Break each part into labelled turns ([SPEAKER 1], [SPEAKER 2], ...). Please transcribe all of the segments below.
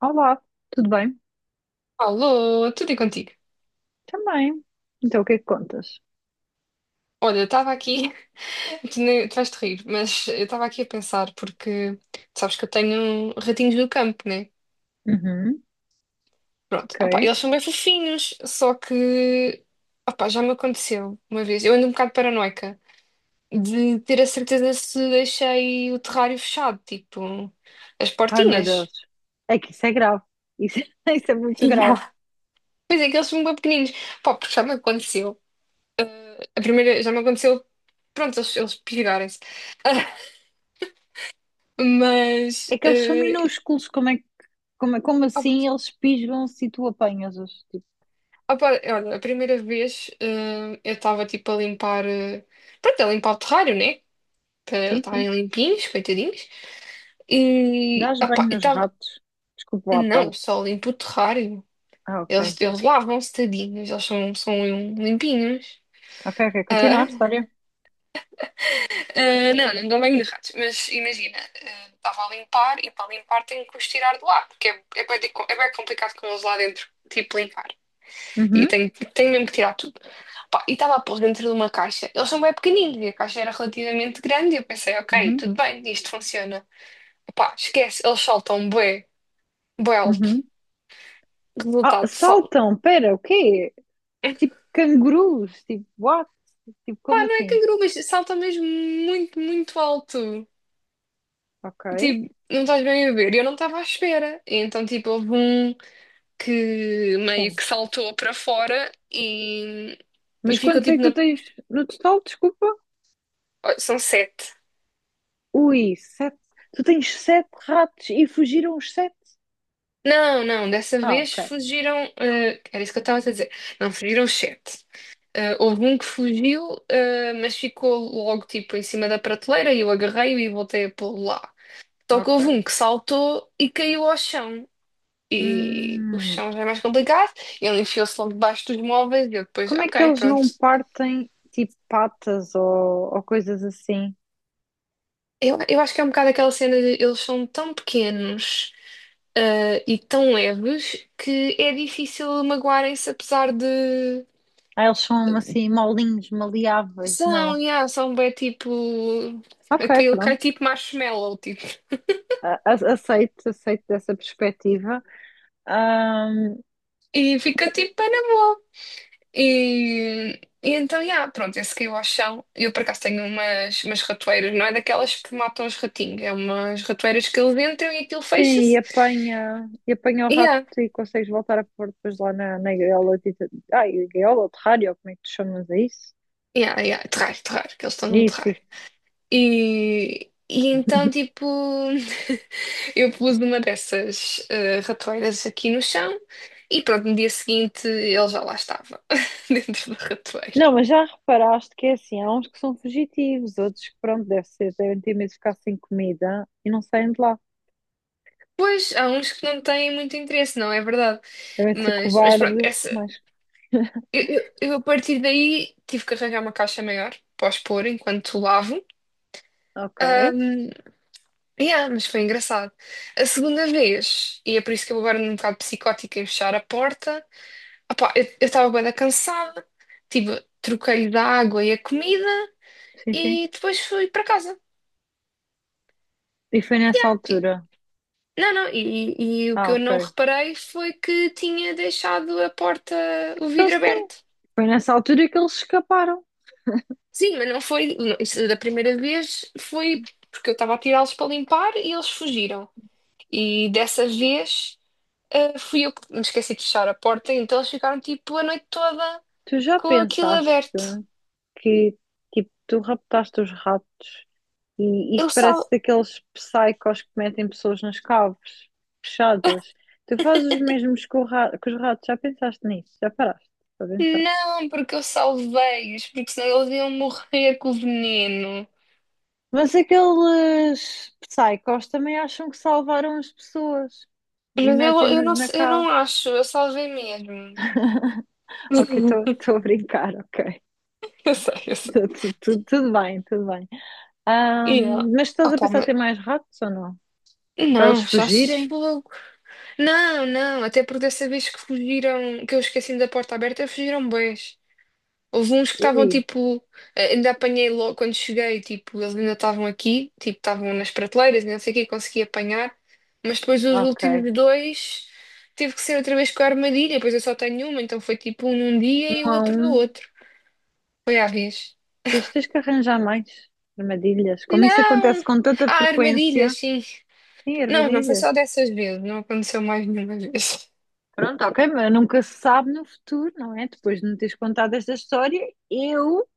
[SPEAKER 1] Olá, tudo bem?
[SPEAKER 2] Alô, tudo e contigo?
[SPEAKER 1] Também. Então, o que é que contas?
[SPEAKER 2] Olha, eu estava aqui, tu, nem- tu vais-te rir, mas eu estava aqui a pensar, porque tu sabes que eu tenho ratinhos do campo, né?
[SPEAKER 1] Uhum,
[SPEAKER 2] Pronto, opá,
[SPEAKER 1] ok.
[SPEAKER 2] eles são bem fofinhos, só que opá, já me aconteceu uma vez, eu ando um bocado paranoica, de ter a certeza se deixei o terrário fechado, tipo, as
[SPEAKER 1] Ai, meu Deus.
[SPEAKER 2] portinhas.
[SPEAKER 1] É que isso é grave. Isso, isso é muito grave.
[SPEAKER 2] Yeah. Pois é que eles são bem pequeninos, pá, porque já me aconteceu, já me aconteceu, pronto, eles pirarem-se.
[SPEAKER 1] É
[SPEAKER 2] Mas
[SPEAKER 1] que eles são
[SPEAKER 2] eh,
[SPEAKER 1] minúsculos. Como
[SPEAKER 2] Ah,
[SPEAKER 1] assim eles pisam-se e tu apanhas-os? Tipo,
[SPEAKER 2] ah, pá, olha, a primeira vez eu estava tipo a limpar, pronto, a limpar o terrário, né? Para eles
[SPEAKER 1] sim,
[SPEAKER 2] estarem
[SPEAKER 1] sim.
[SPEAKER 2] limpinhos, coitadinhos. E
[SPEAKER 1] Dás
[SPEAKER 2] pá,
[SPEAKER 1] banho
[SPEAKER 2] e
[SPEAKER 1] nos
[SPEAKER 2] estava,
[SPEAKER 1] ratos. Desculpa lá a
[SPEAKER 2] não,
[SPEAKER 1] parte.
[SPEAKER 2] só limpo o terrário.
[SPEAKER 1] Ah, ok.
[SPEAKER 2] Eles lavam-se tadinhos, eles são limpinhos.
[SPEAKER 1] Ok, ok. Continua
[SPEAKER 2] Ah,
[SPEAKER 1] a história.
[SPEAKER 2] não, não dão banho de ratos, mas imagina, estava a limpar e para limpar tenho que os tirar de lá, porque é bem complicado com eles lá dentro, tipo limpar. E
[SPEAKER 1] Uhum,
[SPEAKER 2] tenho mesmo que tirar tudo. Pá, e estava a pôr dentro de uma caixa. Eles são bem pequeninos e a caixa era relativamente grande. E eu pensei, ok,
[SPEAKER 1] uhum,
[SPEAKER 2] tudo bem, isto funciona. Pá, esquece, eles saltam bué, bué alto.
[SPEAKER 1] uhum. Ah,
[SPEAKER 2] Resultado, sal...
[SPEAKER 1] saltam. Pera, o quê? Tipo cangurus. Tipo, what? Tipo,
[SPEAKER 2] Pá,
[SPEAKER 1] como
[SPEAKER 2] não é
[SPEAKER 1] assim?
[SPEAKER 2] canguru, mas salta mesmo muito, muito alto.
[SPEAKER 1] Ok.
[SPEAKER 2] Tipo, não estás bem a ver. E eu não estava à espera. E então, tipo, houve um que meio
[SPEAKER 1] Sim.
[SPEAKER 2] que saltou para fora e
[SPEAKER 1] Mas
[SPEAKER 2] ficou
[SPEAKER 1] quantos é
[SPEAKER 2] tipo na.
[SPEAKER 1] que tu tens no total? Desculpa.
[SPEAKER 2] São sete.
[SPEAKER 1] Ui, sete. Tu tens sete ratos e fugiram os sete?
[SPEAKER 2] Não, não, dessa
[SPEAKER 1] Ah,
[SPEAKER 2] vez
[SPEAKER 1] ok.
[SPEAKER 2] fugiram. Era isso que eu estava a dizer. Não, fugiram sete. Houve um que fugiu, mas ficou logo tipo em cima da prateleira e eu agarrei-o e voltei a pô-lo lá. Só que
[SPEAKER 1] Ok.
[SPEAKER 2] houve um que saltou e caiu ao chão. E o
[SPEAKER 1] Hum,
[SPEAKER 2] chão já é mais complicado. Ele enfiou-se logo debaixo dos móveis e eu depois,
[SPEAKER 1] como é que
[SPEAKER 2] ok,
[SPEAKER 1] eles
[SPEAKER 2] pronto.
[SPEAKER 1] não partem tipo patas ou coisas assim?
[SPEAKER 2] Eu acho que é um bocado aquela cena de eles são tão pequenos. E tão leves que é difícil magoarem-se, apesar de.
[SPEAKER 1] Ah, eles são assim molinhos, maleáveis,
[SPEAKER 2] São,
[SPEAKER 1] não?
[SPEAKER 2] yeah, são bem tipo.
[SPEAKER 1] Ok,
[SPEAKER 2] Aquele
[SPEAKER 1] pronto.
[SPEAKER 2] cai tipo marshmallow, tipo.
[SPEAKER 1] Aceito, aceito dessa perspectiva. Hum,
[SPEAKER 2] E fica tipo bem na boa. E então, yeah, pronto, esse caiu ao chão. Eu por acaso tenho umas ratoeiras, não é daquelas que matam os ratinhos, é umas ratoeiras que eles entram e aquilo
[SPEAKER 1] Sim,
[SPEAKER 2] fecha-se.
[SPEAKER 1] e apanha o
[SPEAKER 2] E
[SPEAKER 1] rato
[SPEAKER 2] yeah,
[SPEAKER 1] e consegues voltar a pôr depois lá na, na gaiola. Tipo, ai, gaiola ou terrário, como é que tu chamas a isso?
[SPEAKER 2] yeah, yeah, que eles estão num
[SPEAKER 1] Isso,
[SPEAKER 2] terrar.
[SPEAKER 1] isso.
[SPEAKER 2] E então, tipo, eu pus uma dessas ratoeiras aqui no chão e pronto, no dia seguinte ele já lá estava, dentro da ratoeira.
[SPEAKER 1] Não, mas já reparaste que é assim, há uns que são fugitivos, outros que, pronto, deve ser, devem ter medo de ficar sem comida e não saem de lá.
[SPEAKER 2] Pois, há uns que não têm muito interesse, não é verdade?
[SPEAKER 1] Devem ser
[SPEAKER 2] Mas, pronto,
[SPEAKER 1] cobardes,
[SPEAKER 2] essa,
[SPEAKER 1] mas...
[SPEAKER 2] eu a partir daí tive que arranjar uma caixa maior para os pôr enquanto lavo.
[SPEAKER 1] Ok,
[SPEAKER 2] Ahm, yeah, mas foi engraçado. A segunda vez, e é por isso que eu agora ando um bocado psicótica em fechar a porta. Opá, eu estava bem cansada, tipo, troquei da água e a comida
[SPEAKER 1] sim, sim.
[SPEAKER 2] e depois fui para casa.
[SPEAKER 1] E foi nessa
[SPEAKER 2] Tipo,
[SPEAKER 1] altura.
[SPEAKER 2] não, não, e o que
[SPEAKER 1] Ah,
[SPEAKER 2] eu não
[SPEAKER 1] ok.
[SPEAKER 2] reparei foi que tinha deixado a porta, o
[SPEAKER 1] Então
[SPEAKER 2] vidro
[SPEAKER 1] sim,
[SPEAKER 2] aberto.
[SPEAKER 1] foi nessa altura que eles escaparam.
[SPEAKER 2] Sim, mas não foi, não, isso da primeira vez foi porque eu estava a tirá-los para limpar e eles fugiram. E dessa vez, fui eu que me esqueci de fechar a porta, então eles ficaram tipo a noite toda
[SPEAKER 1] Tu já
[SPEAKER 2] com aquilo
[SPEAKER 1] pensaste
[SPEAKER 2] aberto.
[SPEAKER 1] que, tipo, tu raptaste os ratos. E
[SPEAKER 2] Eu
[SPEAKER 1] isto parece
[SPEAKER 2] só.
[SPEAKER 1] daqueles psychos que metem pessoas nas caves, fechadas. Tu fazes os mesmos com que os ratos, já pensaste nisso? Já paraste para pensar?
[SPEAKER 2] Não, porque eu salvei-os, porque senão eles iam morrer com o veneno.
[SPEAKER 1] Mas aqueles psychos também acham que salvaram as pessoas e
[SPEAKER 2] Mas eu
[SPEAKER 1] metem-nos
[SPEAKER 2] não,
[SPEAKER 1] na
[SPEAKER 2] sei- eu
[SPEAKER 1] cave.
[SPEAKER 2] não acho, eu salvei mesmo.
[SPEAKER 1] Ok, estou a brincar, ok.
[SPEAKER 2] Eu sei, eu sei.
[SPEAKER 1] Tudo bem, tudo bem.
[SPEAKER 2] E ela,
[SPEAKER 1] Mas estás a
[SPEAKER 2] opa,
[SPEAKER 1] pensar em ter
[SPEAKER 2] mas,
[SPEAKER 1] mais ratos ou não? Para eles
[SPEAKER 2] não, achaste
[SPEAKER 1] fugirem?
[SPEAKER 2] fogo. Não, não, até porque dessa vez que fugiram, que eu esqueci da porta aberta, fugiram bem. Houve uns que estavam
[SPEAKER 1] Ui,
[SPEAKER 2] tipo, ainda apanhei logo quando cheguei, tipo, eles ainda estavam aqui, tipo, estavam nas prateleiras, e não sei o que, consegui apanhar, mas depois os
[SPEAKER 1] ok.
[SPEAKER 2] últimos dois tive que ser outra vez com a armadilha, pois eu só tenho uma, então foi tipo um num dia
[SPEAKER 1] Um
[SPEAKER 2] e o
[SPEAKER 1] a
[SPEAKER 2] outro no
[SPEAKER 1] um.
[SPEAKER 2] outro. Foi à vez.
[SPEAKER 1] Tens, tens que arranjar mais armadilhas. Como isso acontece
[SPEAKER 2] Não!
[SPEAKER 1] com tanta
[SPEAKER 2] Ah,
[SPEAKER 1] frequência.
[SPEAKER 2] armadilhas, sim.
[SPEAKER 1] Sim,
[SPEAKER 2] Não, não foi
[SPEAKER 1] armadilhas.
[SPEAKER 2] só dessas vezes, não aconteceu mais nenhuma vez.
[SPEAKER 1] Pronto, ok, mas nunca se sabe no futuro, não é? Depois de me teres contado esta história, eu,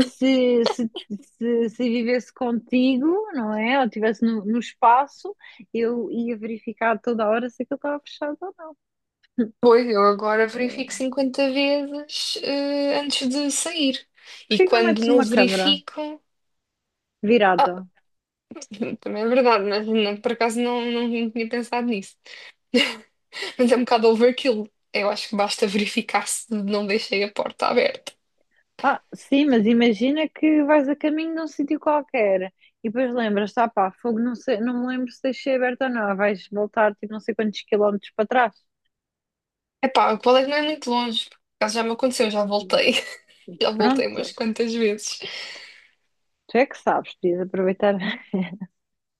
[SPEAKER 1] se, se, se, se vivesse contigo, não é? Ou estivesse no, no espaço, eu ia verificar toda hora se aquilo estava fechado ou não.
[SPEAKER 2] Pois, eu agora verifico
[SPEAKER 1] É,
[SPEAKER 2] 50 vezes, antes de sair. E
[SPEAKER 1] porquê que não
[SPEAKER 2] quando
[SPEAKER 1] metes
[SPEAKER 2] não
[SPEAKER 1] uma câmara
[SPEAKER 2] verifico.
[SPEAKER 1] virada?
[SPEAKER 2] Também é verdade, mas não, por acaso não tinha pensado nisso. Mas é um bocado overkill. Eu acho que basta verificar se não deixei a porta aberta.
[SPEAKER 1] Ah, sim, mas imagina que vais a caminho de um sítio qualquer e depois lembras, tá pá, fogo, não sei, não me lembro se deixei aberto ou não, vais voltar tipo não sei quantos quilómetros para trás.
[SPEAKER 2] Epá, o colégio não é muito longe. Por acaso já me aconteceu, já voltei. Já voltei
[SPEAKER 1] Pronto,
[SPEAKER 2] umas quantas vezes.
[SPEAKER 1] tu é que sabes, podias aproveitar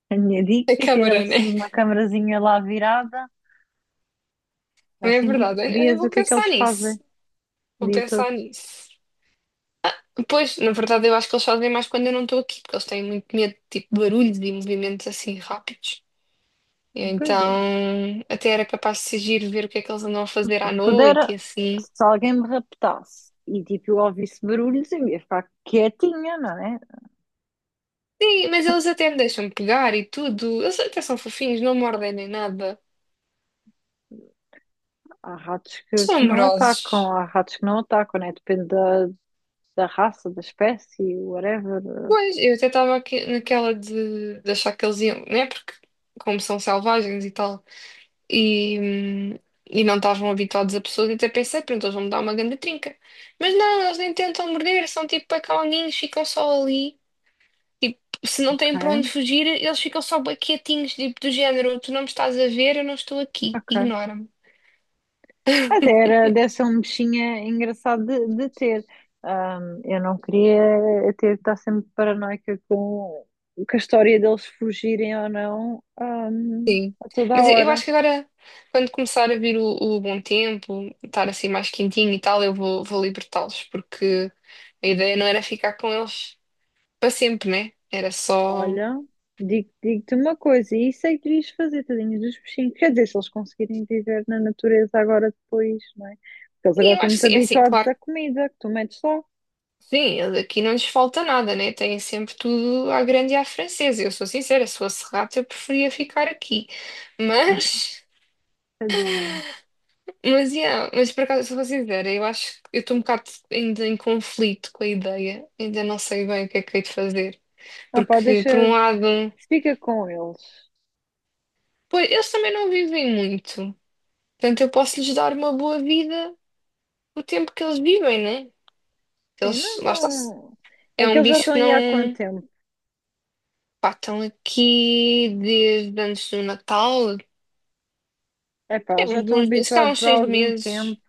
[SPEAKER 1] a minha
[SPEAKER 2] A
[SPEAKER 1] dica e ter
[SPEAKER 2] câmara,
[SPEAKER 1] assim
[SPEAKER 2] né?
[SPEAKER 1] uma camarazinha lá virada,
[SPEAKER 2] Também é
[SPEAKER 1] assim tipo,
[SPEAKER 2] verdade. Eu
[SPEAKER 1] vias o
[SPEAKER 2] vou
[SPEAKER 1] que é que
[SPEAKER 2] pensar
[SPEAKER 1] eles fazem
[SPEAKER 2] nisso.
[SPEAKER 1] o
[SPEAKER 2] Vou
[SPEAKER 1] dia todo.
[SPEAKER 2] pensar nisso. Pois, na verdade, eu acho que eles fazem mais quando eu não estou aqui, porque eles têm muito medo de tipo, barulhos e movimentos assim rápidos. E
[SPEAKER 1] Pois é.
[SPEAKER 2] então, até era capaz de se ir ver o que é que eles andam a fazer à noite e
[SPEAKER 1] Pudera,
[SPEAKER 2] assim.
[SPEAKER 1] se alguém me raptasse e tipo eu ouvisse barulhos, eu ia ficar quietinha, não é?
[SPEAKER 2] Sim, mas eles até me deixam pegar e tudo. Eles até são fofinhos, não mordem nem nada.
[SPEAKER 1] Há ratos
[SPEAKER 2] São
[SPEAKER 1] que não atacam,
[SPEAKER 2] amorosos.
[SPEAKER 1] há ratos que não atacam, né? Depende da, da raça, da espécie, whatever.
[SPEAKER 2] Pois, eu até estava aqui naquela de achar que eles iam, né? Porque, como são selvagens e tal, e, hum, e não estavam habituados a pessoas, até pensei, pronto, eles vão me dar uma grande trinca. Mas não, eles nem tentam morder, são tipo pecalinhos, ficam só ali. Tipo, se não têm para onde
[SPEAKER 1] Ok,
[SPEAKER 2] fugir, eles ficam só bué quietinhos, tipo, do género: tu não me estás a ver, eu não estou aqui,
[SPEAKER 1] ok.
[SPEAKER 2] ignora-me.
[SPEAKER 1] Até era, deve ser um bichinho engraçado de ter. Eu não queria ter de estar sempre paranoica com a história deles fugirem ou não,
[SPEAKER 2] Sim.
[SPEAKER 1] a toda a
[SPEAKER 2] Mas eu
[SPEAKER 1] hora.
[SPEAKER 2] acho que agora, quando começar a vir o bom tempo, estar assim mais quentinho e tal, eu vou libertá-los, porque a ideia não era ficar com eles para sempre, né? Era só.
[SPEAKER 1] Olha, digo-te uma coisa, e isso é que devias fazer, tadinhos dos peixinhos. Quer dizer, se eles conseguirem viver na natureza agora depois, não é? Porque eles agora
[SPEAKER 2] E eu
[SPEAKER 1] estão
[SPEAKER 2] acho que
[SPEAKER 1] muito
[SPEAKER 2] sim, é assim,
[SPEAKER 1] habituados
[SPEAKER 2] claro
[SPEAKER 1] à comida que tu metes lá.
[SPEAKER 2] que sim, aqui não lhes falta nada, né? Têm sempre tudo à grande e à francesa. Eu sou sincera, se fosse rato, eu preferia ficar aqui. Mas.
[SPEAKER 1] Tadinho.
[SPEAKER 2] Mas, yeah, mas por acaso, se eu vou sincera, eu acho que eu estou um bocado ainda em conflito com a ideia, ainda não sei bem o que é que hei de fazer.
[SPEAKER 1] Ah pá,
[SPEAKER 2] Porque,
[SPEAKER 1] deixa,
[SPEAKER 2] por um lado,
[SPEAKER 1] fica com eles.
[SPEAKER 2] pois, eles também não vivem muito. Portanto, eu posso lhes dar uma boa vida o tempo que eles vivem, né?
[SPEAKER 1] Sim,
[SPEAKER 2] Eles,
[SPEAKER 1] não,
[SPEAKER 2] lá está.
[SPEAKER 1] não.
[SPEAKER 2] É
[SPEAKER 1] É que
[SPEAKER 2] um
[SPEAKER 1] eles já
[SPEAKER 2] bicho
[SPEAKER 1] estão
[SPEAKER 2] que
[SPEAKER 1] aí há quanto
[SPEAKER 2] não.
[SPEAKER 1] tempo?
[SPEAKER 2] Pá, estão aqui desde antes do Natal.
[SPEAKER 1] É pá,
[SPEAKER 2] É,
[SPEAKER 1] eles já
[SPEAKER 2] uns
[SPEAKER 1] estão
[SPEAKER 2] bons meses, se calhar
[SPEAKER 1] habituados
[SPEAKER 2] uns
[SPEAKER 1] há
[SPEAKER 2] seis
[SPEAKER 1] algum
[SPEAKER 2] meses.
[SPEAKER 1] tempo.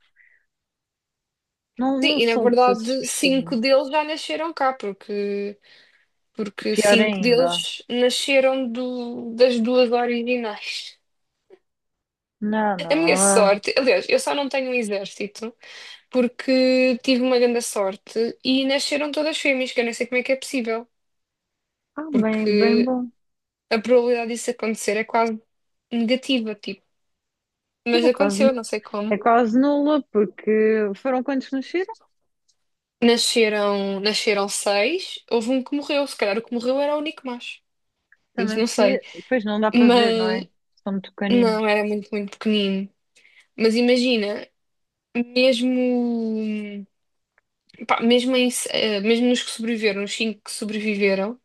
[SPEAKER 1] Não,
[SPEAKER 2] Sim,
[SPEAKER 1] não
[SPEAKER 2] e na
[SPEAKER 1] soltes esses
[SPEAKER 2] verdade,
[SPEAKER 1] peixinhos.
[SPEAKER 2] cinco deles já nasceram cá, porque
[SPEAKER 1] Pior
[SPEAKER 2] cinco
[SPEAKER 1] ainda.
[SPEAKER 2] deles nasceram das duas originais.
[SPEAKER 1] Não,
[SPEAKER 2] A
[SPEAKER 1] não.
[SPEAKER 2] minha
[SPEAKER 1] Ah,
[SPEAKER 2] sorte, aliás, eu só não tenho um exército. Porque tive uma grande sorte e nasceram todas fêmeas, que eu nem sei como é que é possível,
[SPEAKER 1] ah, bem, bem
[SPEAKER 2] porque
[SPEAKER 1] bom.
[SPEAKER 2] a probabilidade disso acontecer é quase negativa, tipo.
[SPEAKER 1] Mas
[SPEAKER 2] Mas
[SPEAKER 1] é quase.
[SPEAKER 2] aconteceu, não sei
[SPEAKER 1] É
[SPEAKER 2] como.
[SPEAKER 1] quase nula, porque foram quantos nasceram?
[SPEAKER 2] Nasceram seis, houve um que morreu, se calhar o que morreu era o único macho. Isso
[SPEAKER 1] Também
[SPEAKER 2] não sei.
[SPEAKER 1] podia. Pois não dá para ver, não
[SPEAKER 2] Mas
[SPEAKER 1] é? São muito pequeninos.
[SPEAKER 2] não, era muito, muito pequenino. Mas imagina, mesmo, pá, mesmo, mesmo nos que sobreviveram, os cinco que sobreviveram,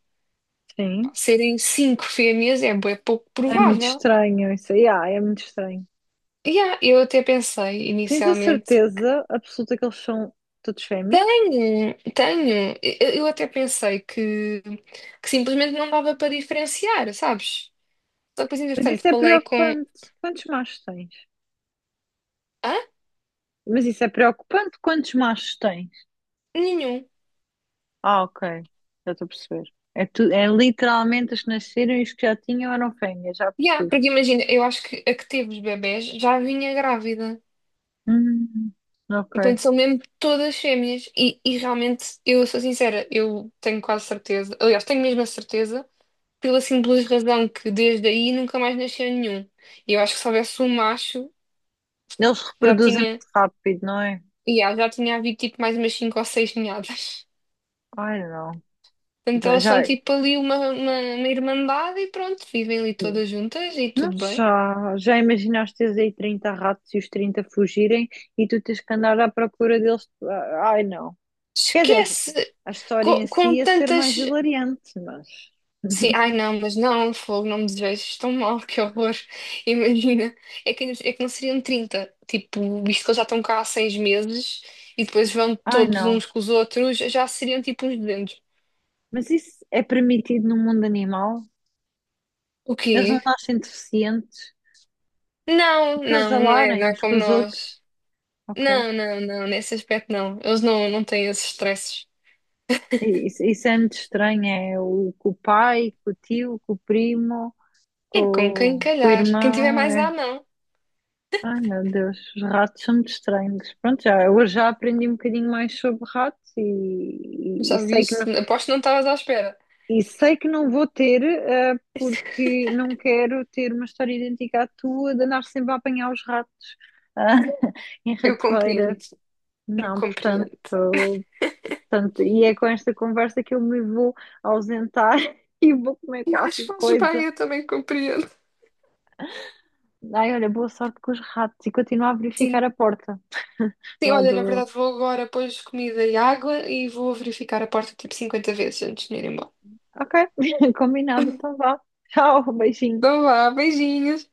[SPEAKER 2] pá,
[SPEAKER 1] Sim.
[SPEAKER 2] serem cinco fêmeas é bué pouco
[SPEAKER 1] É muito
[SPEAKER 2] provável.
[SPEAKER 1] estranho isso aí. Ah, é muito estranho.
[SPEAKER 2] Yeah, eu até pensei
[SPEAKER 1] Tens a
[SPEAKER 2] inicialmente.
[SPEAKER 1] certeza absoluta que eles são todos fêmeas?
[SPEAKER 2] Tenho, tenho. Eu até pensei que simplesmente não dava para diferenciar, sabes? Só que depois,
[SPEAKER 1] Mas
[SPEAKER 2] entretanto,
[SPEAKER 1] isso é
[SPEAKER 2] falei com.
[SPEAKER 1] preocupante. Quantos machos tens?
[SPEAKER 2] Hã?
[SPEAKER 1] Mas isso é preocupante. Quantos machos tens?
[SPEAKER 2] Nenhum.
[SPEAKER 1] Ah, ok. Já estou a perceber. É, tu... é literalmente os que nasceram e os que já tinham eram fêmeas, já
[SPEAKER 2] Yeah,
[SPEAKER 1] percebi.
[SPEAKER 2] porque imagina, eu acho que a que teve os bebés já vinha grávida.
[SPEAKER 1] Hum, ok.
[SPEAKER 2] Portanto, são mesmo todas fêmeas. E realmente, eu sou sincera, eu tenho quase certeza. Aliás, tenho mesmo a certeza, pela simples razão que desde aí nunca mais nasceu nenhum. E eu acho que se houvesse um macho,
[SPEAKER 1] Eles
[SPEAKER 2] já
[SPEAKER 1] reproduzem
[SPEAKER 2] tinha.
[SPEAKER 1] muito rápido, não é?
[SPEAKER 2] E já tinha havido tipo mais umas cinco ou seis ninhadas.
[SPEAKER 1] Ai, não.
[SPEAKER 2] Portanto, elas
[SPEAKER 1] Já,
[SPEAKER 2] são tipo ali uma irmandade e pronto, vivem ali todas juntas e tudo bem.
[SPEAKER 1] já imaginaste teres aí 30 ratos e os 30 fugirem e tu tens que andar à procura deles? Ah, ai, não. Quer dizer,
[SPEAKER 2] Esquece
[SPEAKER 1] a história
[SPEAKER 2] co-
[SPEAKER 1] em
[SPEAKER 2] com,
[SPEAKER 1] si ia ser
[SPEAKER 2] tantas.
[SPEAKER 1] mais hilariante, mas.
[SPEAKER 2] Sim, ai não, mas não, fogo, não me desejo, tão mal, que horror. Imagina, é que não seriam 30 tipo, visto que eles já estão cá há 6 meses e depois vão
[SPEAKER 1] Ai,
[SPEAKER 2] todos
[SPEAKER 1] não.
[SPEAKER 2] uns com os outros, já seriam tipo uns 200.
[SPEAKER 1] Mas isso é permitido no mundo animal?
[SPEAKER 2] O
[SPEAKER 1] Eles não
[SPEAKER 2] quê?
[SPEAKER 1] nascem deficientes?
[SPEAKER 2] Não, não, não é,
[SPEAKER 1] Acasalarem
[SPEAKER 2] não é
[SPEAKER 1] uns
[SPEAKER 2] como
[SPEAKER 1] com os outros?
[SPEAKER 2] nós.
[SPEAKER 1] Ok.
[SPEAKER 2] Não, não, não, nesse aspecto não. Eles não, não têm esses estresses.
[SPEAKER 1] E isso é muito estranho. É o, com o pai, com o tio, com o primo, com,
[SPEAKER 2] É com quem
[SPEAKER 1] com o
[SPEAKER 2] calhar. Quem tiver
[SPEAKER 1] irmão.
[SPEAKER 2] mais dá,
[SPEAKER 1] É.
[SPEAKER 2] não.
[SPEAKER 1] Ai meu Deus, os ratos são muito estranhos. Pronto, já, hoje já aprendi um bocadinho mais sobre ratos e, e
[SPEAKER 2] Já
[SPEAKER 1] sei que não,
[SPEAKER 2] viste? Aposto que não estavas à espera.
[SPEAKER 1] e sei que não vou ter, porque não quero ter uma história idêntica à tua de andar sempre a apanhar os ratos, ah, em
[SPEAKER 2] Eu
[SPEAKER 1] ratoeiras.
[SPEAKER 2] compreendo, eu
[SPEAKER 1] Não, portanto,
[SPEAKER 2] compreendo.
[SPEAKER 1] portanto, e é com esta conversa que eu me vou ausentar e vou comer
[SPEAKER 2] Eu acho que
[SPEAKER 1] qualquer
[SPEAKER 2] fazes bem,
[SPEAKER 1] coisa.
[SPEAKER 2] eu também compreendo.
[SPEAKER 1] Ai, olha, boa sorte com os ratos e continuo a
[SPEAKER 2] Sim.
[SPEAKER 1] verificar a porta
[SPEAKER 2] Sim,
[SPEAKER 1] lá
[SPEAKER 2] olha, na
[SPEAKER 1] do.
[SPEAKER 2] verdade vou agora pôr comida e água e vou verificar a porta tipo 50 vezes antes de me ir embora.
[SPEAKER 1] Ok, combinado, então vá. Tchau, beijinho.
[SPEAKER 2] Então vá, beijinhos.